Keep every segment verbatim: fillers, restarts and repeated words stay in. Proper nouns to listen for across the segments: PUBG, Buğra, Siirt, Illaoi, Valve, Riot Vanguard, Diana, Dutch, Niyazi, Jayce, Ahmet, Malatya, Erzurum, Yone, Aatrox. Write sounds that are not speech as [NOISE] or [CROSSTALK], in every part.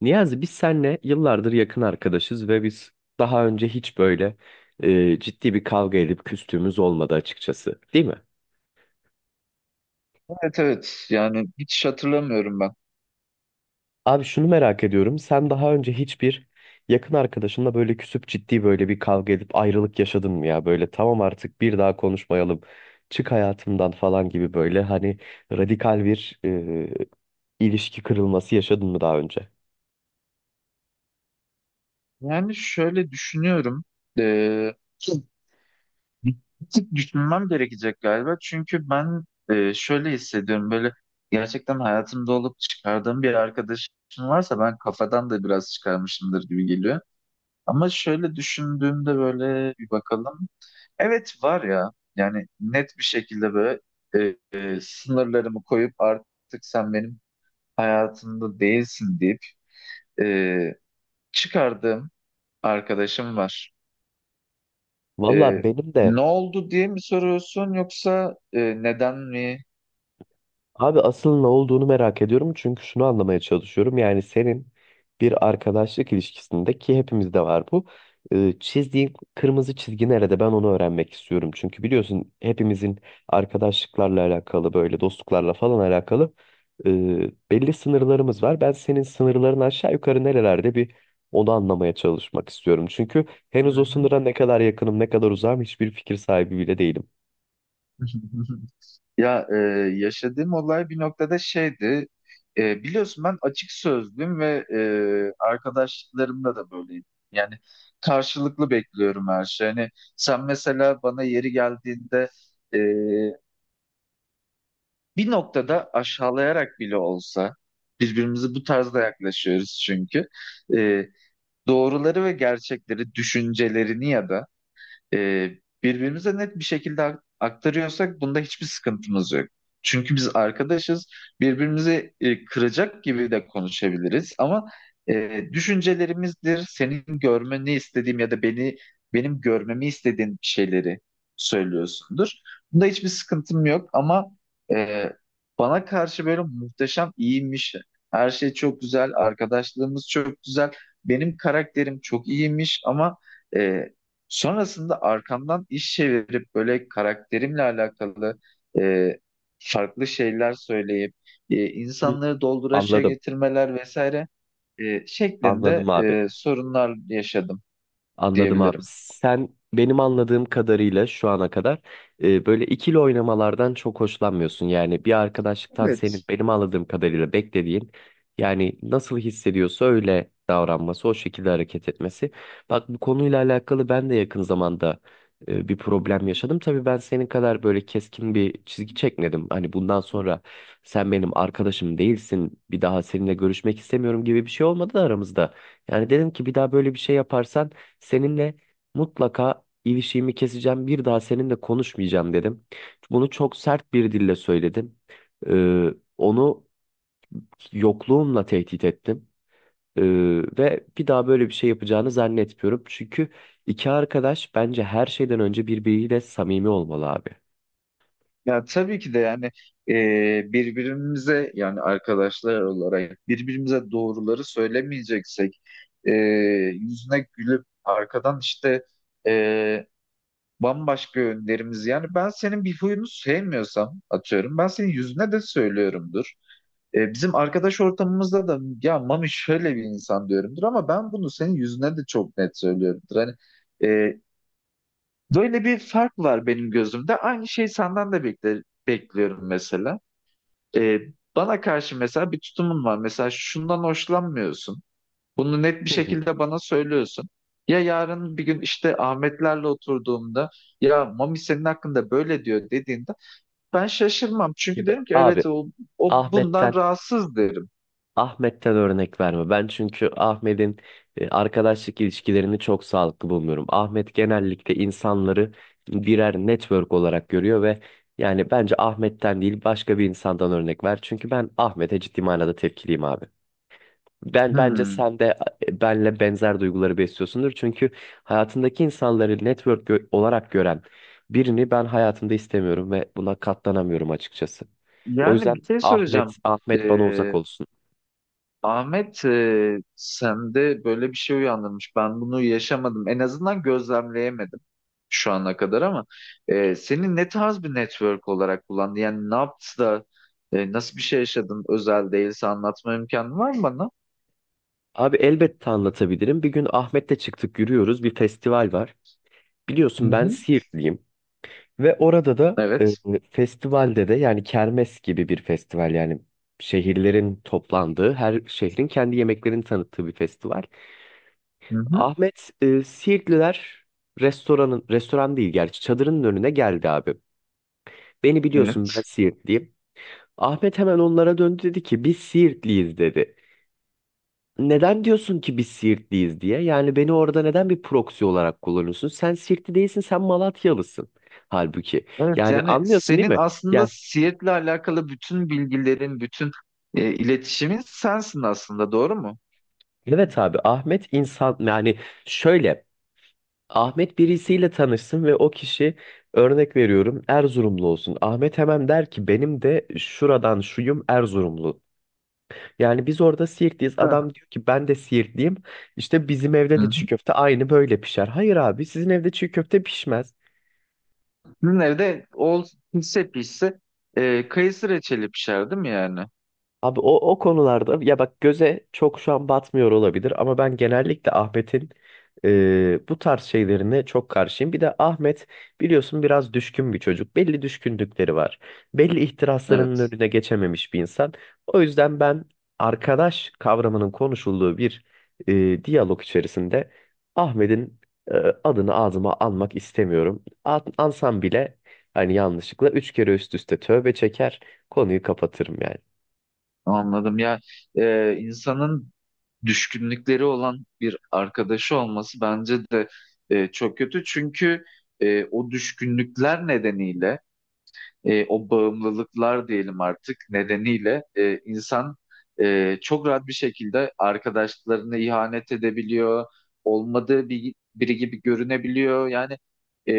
Niyazi, biz seninle yıllardır yakın arkadaşız ve biz daha önce hiç böyle e, ciddi bir kavga edip küstüğümüz olmadı açıkçası, değil mi? Evet evet yani hiç hatırlamıyorum ben. Abi, şunu merak ediyorum. Sen daha önce hiçbir yakın arkadaşınla böyle küsüp ciddi böyle bir kavga edip ayrılık yaşadın mı ya? Böyle tamam artık bir daha konuşmayalım. Çık hayatımdan falan gibi böyle hani radikal bir e, ilişki kırılması yaşadın mı daha önce? Yani şöyle düşünüyorum. Ee, Bir tık düşünmem gerekecek galiba. Çünkü ben e, şöyle hissediyorum böyle gerçekten hayatımda olup çıkardığım bir arkadaşım varsa ben kafadan da biraz çıkarmışımdır gibi geliyor. Ama şöyle düşündüğümde böyle bir bakalım. Evet var ya, yani net bir şekilde böyle e, e, sınırlarımı koyup artık sen benim hayatımda değilsin deyip çıkardığım arkadaşım var. Valla Ee, benim Ne de oldu diye mi soruyorsun yoksa e, neden mi? abi asıl ne olduğunu merak ediyorum çünkü şunu anlamaya çalışıyorum. Yani senin bir arkadaşlık ilişkisinde ki hepimizde var bu. e, Çizdiğin kırmızı çizgi nerede? Ben onu öğrenmek istiyorum. Çünkü biliyorsun hepimizin arkadaşlıklarla alakalı böyle dostluklarla falan alakalı e, belli sınırlarımız var. Ben senin sınırların aşağı yukarı nerelerde bir onu anlamaya çalışmak istiyorum. Çünkü Hı henüz o hı. sınıra ne kadar yakınım ne kadar uzağım hiçbir fikir sahibi bile değilim. [LAUGHS] Ya e, yaşadığım olay bir noktada şeydi. E, biliyorsun ben açık sözlüyüm ve e, arkadaşlarımla da böyleyim. Yani karşılıklı bekliyorum her şey. Hani sen mesela bana yeri geldiğinde, e, bir noktada aşağılayarak bile olsa birbirimizi bu tarzda yaklaşıyoruz çünkü. E, Doğruları ve gerçekleri, düşüncelerini ya da e, birbirimize net bir şekilde ak- aktarıyorsak bunda hiçbir sıkıntımız yok. Çünkü biz arkadaşız, birbirimizi e, kıracak gibi de konuşabiliriz ama e, düşüncelerimizdir, senin görmeni istediğim ya da beni benim görmemi istediğin şeyleri söylüyorsundur. Bunda hiçbir sıkıntım yok ama e, bana karşı böyle muhteşem iyiymiş, her şey çok güzel, arkadaşlığımız çok güzel, benim karakterim çok iyiymiş ama e, sonrasında arkamdan iş çevirip böyle karakterimle alakalı e, farklı şeyler söyleyip e, Hı. insanları dolduraşa Anladım. getirmeler vesaire e, şeklinde Anladım abi. e, sorunlar yaşadım Anladım abi. diyebilirim. Sen benim anladığım kadarıyla şu ana kadar e, böyle ikili oynamalardan çok hoşlanmıyorsun. Yani bir arkadaşlıktan senin Evet. benim anladığım kadarıyla beklediğin yani nasıl hissediyorsa öyle davranması, o şekilde hareket etmesi. Bak, bu konuyla alakalı ben de yakın zamanda e, bir problem yaşadım. Tabii ben senin kadar böyle keskin bir çizgi çekmedim. Hani bundan sonra sen benim arkadaşım değilsin, bir daha seninle görüşmek istemiyorum gibi bir şey olmadı da aramızda. Yani dedim ki bir daha böyle bir şey yaparsan seninle mutlaka ilişiğimi keseceğim. Bir daha seninle konuşmayacağım dedim. Bunu çok sert bir dille söyledim. Ee, onu yokluğumla tehdit ettim. Ee, ve bir daha böyle bir şey yapacağını zannetmiyorum. Çünkü iki arkadaş bence her şeyden önce birbiriyle samimi olmalı abi. Ya tabii ki de, yani e, birbirimize, yani arkadaşlar olarak birbirimize doğruları söylemeyeceksek e, yüzüne gülüp arkadan işte e, bambaşka yönlerimiz. Yani ben senin bir huyunu sevmiyorsam, atıyorum, ben senin yüzüne de söylüyorumdur. E, bizim arkadaş ortamımızda da ya Mami şöyle bir insan diyorumdur, ama ben bunu senin yüzüne de çok net söylüyorumdur. Hani e, böyle bir fark var benim gözümde. Aynı şeyi senden de bekle, bekliyorum mesela. E, bana karşı mesela bir tutumun var. Mesela şundan hoşlanmıyorsun. Bunu net bir Hı hı. şekilde bana söylüyorsun. Ya yarın bir gün işte Ahmetlerle oturduğumda, ya Mami senin hakkında böyle diyor dediğinde, ben şaşırmam. Çünkü Şimdi derim ki abi, evet o, o bundan Ahmet'ten rahatsız, derim. Ahmet'ten örnek verme. Ben çünkü Ahmet'in e, arkadaşlık ilişkilerini çok sağlıklı bulmuyorum. Ahmet genellikle insanları birer network olarak görüyor ve yani bence Ahmet'ten değil başka bir insandan örnek ver. Çünkü ben Ahmet'e ciddi manada tepkiliyim abi. Ben bence Hmm. sen de e, benle benzer duyguları besliyorsundur. Çünkü hayatındaki insanları network gö- olarak gören birini ben hayatımda istemiyorum ve buna katlanamıyorum açıkçası. O Yani yüzden bir şey Ahmet soracağım. Ahmet bana uzak olsun. Ahmet, e, sende böyle bir şey uyandırmış. Ben bunu yaşamadım. En azından gözlemleyemedim şu ana kadar, ama e, senin ne tarz bir network olarak kullandın? Yani ne yaptı da e, nasıl bir şey yaşadın? Özel değilse anlatma imkanın var mı bana? Abi, elbette anlatabilirim. Bir gün Ahmet'le çıktık, yürüyoruz. Bir festival var. Hı Biliyorsun ben hı. Siirtliyim. Ve orada da e, Evet. festivalde de yani kermes gibi bir festival, yani şehirlerin toplandığı, her şehrin kendi yemeklerini tanıttığı bir festival. Hı hı. Ahmet e, Siirtliler restoranın, restoran değil gerçi çadırının önüne geldi abi. Beni biliyorsun, ben Evet. Siirtliyim. Ahmet hemen onlara döndü, dedi ki biz Siirtliyiz dedi. Neden diyorsun ki biz Siirtliyiz diye? Yani beni orada neden bir proxy olarak kullanıyorsun? Sen Siirtli değilsin, sen Malatyalısın. Halbuki. Evet, Yani yani anlıyorsun değil senin mi? aslında Yani Seattle'le alakalı bütün bilgilerin, bütün e, iletişimin sensin aslında, doğru mu? evet abi, Ahmet insan yani şöyle Ahmet birisiyle tanışsın ve o kişi örnek veriyorum Erzurumlu olsun. Ahmet hemen der ki benim de şuradan şuyum Erzurumlu. Yani biz orada Siirtliyiz. [LAUGHS] Hı Adam diyor ki ben de Siirtliyim. İşte bizim evde de hı. çiğ köfte aynı böyle pişer. Hayır abi, sizin evde çiğ köfte pişmez. Sizin evde o pişse pişse e, kayısı reçeli pişer, değil mi yani? Abi o, o konularda ya bak göze çok şu an batmıyor olabilir ama ben genellikle Ahmet'in e, bu tarz şeylerine çok karşıyım. Bir de Ahmet biliyorsun biraz düşkün bir çocuk. Belli düşkünlükleri var. Belli ihtiraslarının Evet. önüne geçememiş bir insan. O yüzden ben arkadaş kavramının konuşulduğu bir e, diyalog içerisinde Ahmet'in e, adını ağzıma almak istemiyorum. An- Ansam bile hani yanlışlıkla üç kere üst üste tövbe çeker. Konuyu kapatırım yani. Anladım ya. E, insanın düşkünlükleri olan bir arkadaşı olması bence de e, çok kötü. Çünkü e, o düşkünlükler nedeniyle e, o bağımlılıklar diyelim artık nedeniyle e, insan e, çok rahat bir şekilde arkadaşlarına ihanet edebiliyor, olmadığı bir, biri gibi görünebiliyor. Yani e,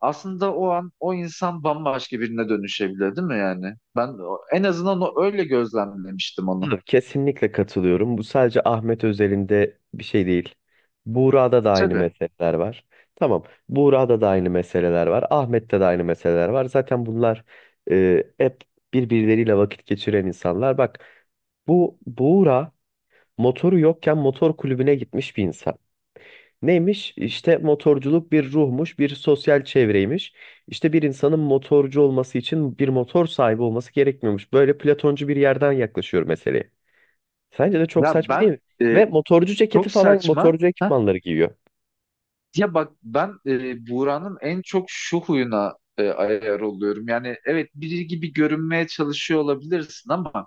aslında o an o insan bambaşka birine dönüşebilir, değil mi yani? Ben o- en azından o, öyle gözlemlemiştim onu. Tabii, kesinlikle katılıyorum. Bu sadece Ahmet özelinde bir şey değil. Buğra'da da aynı Tabii. meseleler var. Tamam. Buğra'da da aynı meseleler var. Ahmet'te de aynı meseleler var. Zaten bunlar e, hep birbirleriyle vakit geçiren insanlar. Bak bu Buğra motoru yokken motor kulübüne gitmiş bir insan. Neymiş? İşte motorculuk bir ruhmuş, bir sosyal çevreymiş. İşte bir insanın motorcu olması için bir motor sahibi olması gerekmiyormuş. Böyle Platoncu bir yerden yaklaşıyor meseleye. Sence de çok Ya saçma değil ben mi? Ve e, motorcu ceketi çok falan saçma. motorcu ekipmanları giyiyor. Ya bak ben e, Buğra'nın en çok şu huyuna e, ayar oluyorum. Yani evet, biri gibi görünmeye çalışıyor olabilirsin, ama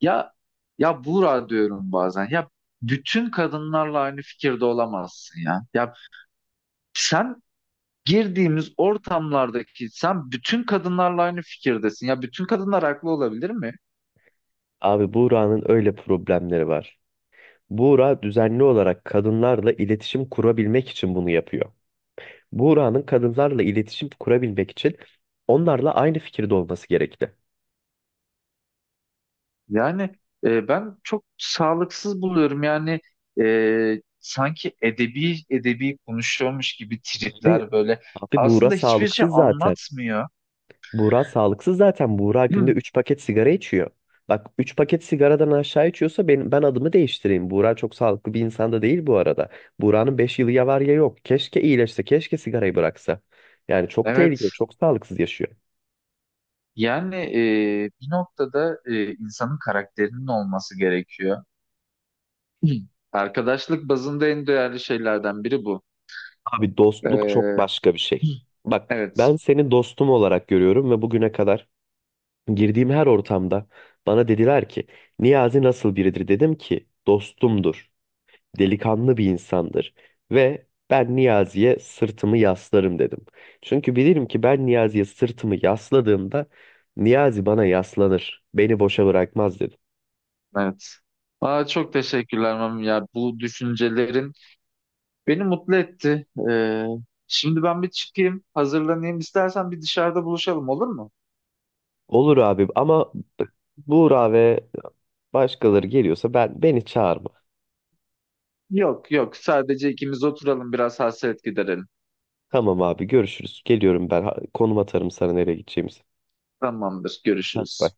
ya ya Buğra diyorum bazen. Ya bütün kadınlarla aynı fikirde olamazsın ya. Ya sen girdiğimiz ortamlardaki sen bütün kadınlarla aynı fikirdesin. Ya bütün kadınlar haklı olabilir mi? Abi, Buğra'nın öyle problemleri var. Buğra düzenli olarak kadınlarla iletişim kurabilmek için bunu yapıyor. Buğra'nın kadınlarla iletişim kurabilmek için onlarla aynı fikirde olması gerekti. Yani e, ben çok sağlıksız buluyorum. Yani e, sanki edebi edebi konuşuyormuş gibi tripler böyle. Abi, Buğra Aslında hiçbir şey sağlıksız zaten. anlatmıyor. Buğra sağlıksız zaten. Buğra günde [CLEARS THROAT] üç paket sigara içiyor. Bak, üç paket sigaradan aşağı içiyorsa ben, ben adımı değiştireyim. Buğra çok sağlıklı bir insan da değil bu arada. Buğra'nın beş yılı ya var ya yok. Keşke iyileşse, keşke sigarayı bıraksa. Yani çok tehlikeli, Evet. çok sağlıksız yaşıyor. Yani e, bir noktada e, insanın karakterinin olması gerekiyor. [CLEARS THROAT] Arkadaşlık bazında en değerli şeylerden biri bu. Abi, E, dostluk çok [CLEARS THROAT] başka bir şey. Bak, ben evet. seni dostum olarak görüyorum ve bugüne kadar girdiğim her ortamda bana dediler ki Niyazi nasıl biridir? Dedim ki dostumdur. Delikanlı bir insandır ve ben Niyazi'ye sırtımı yaslarım dedim. Çünkü bilirim ki ben Niyazi'ye sırtımı yasladığımda Niyazi bana yaslanır, beni boşa bırakmaz dedim. Evet. Aa, çok teşekkürler Mami ya. Bu düşüncelerin beni mutlu etti. Ee, şimdi ben bir çıkayım, hazırlanayım. İstersen bir dışarıda buluşalım, olur mu? Olur abi ama Buğra ve başkaları geliyorsa ben beni çağırma. Yok yok, sadece ikimiz oturalım, biraz hasret giderelim. Tamam abi, görüşürüz. Geliyorum ben. Ha- Konum atarım sana nereye gideceğimizi. Tamamdır, Heh, bye. görüşürüz.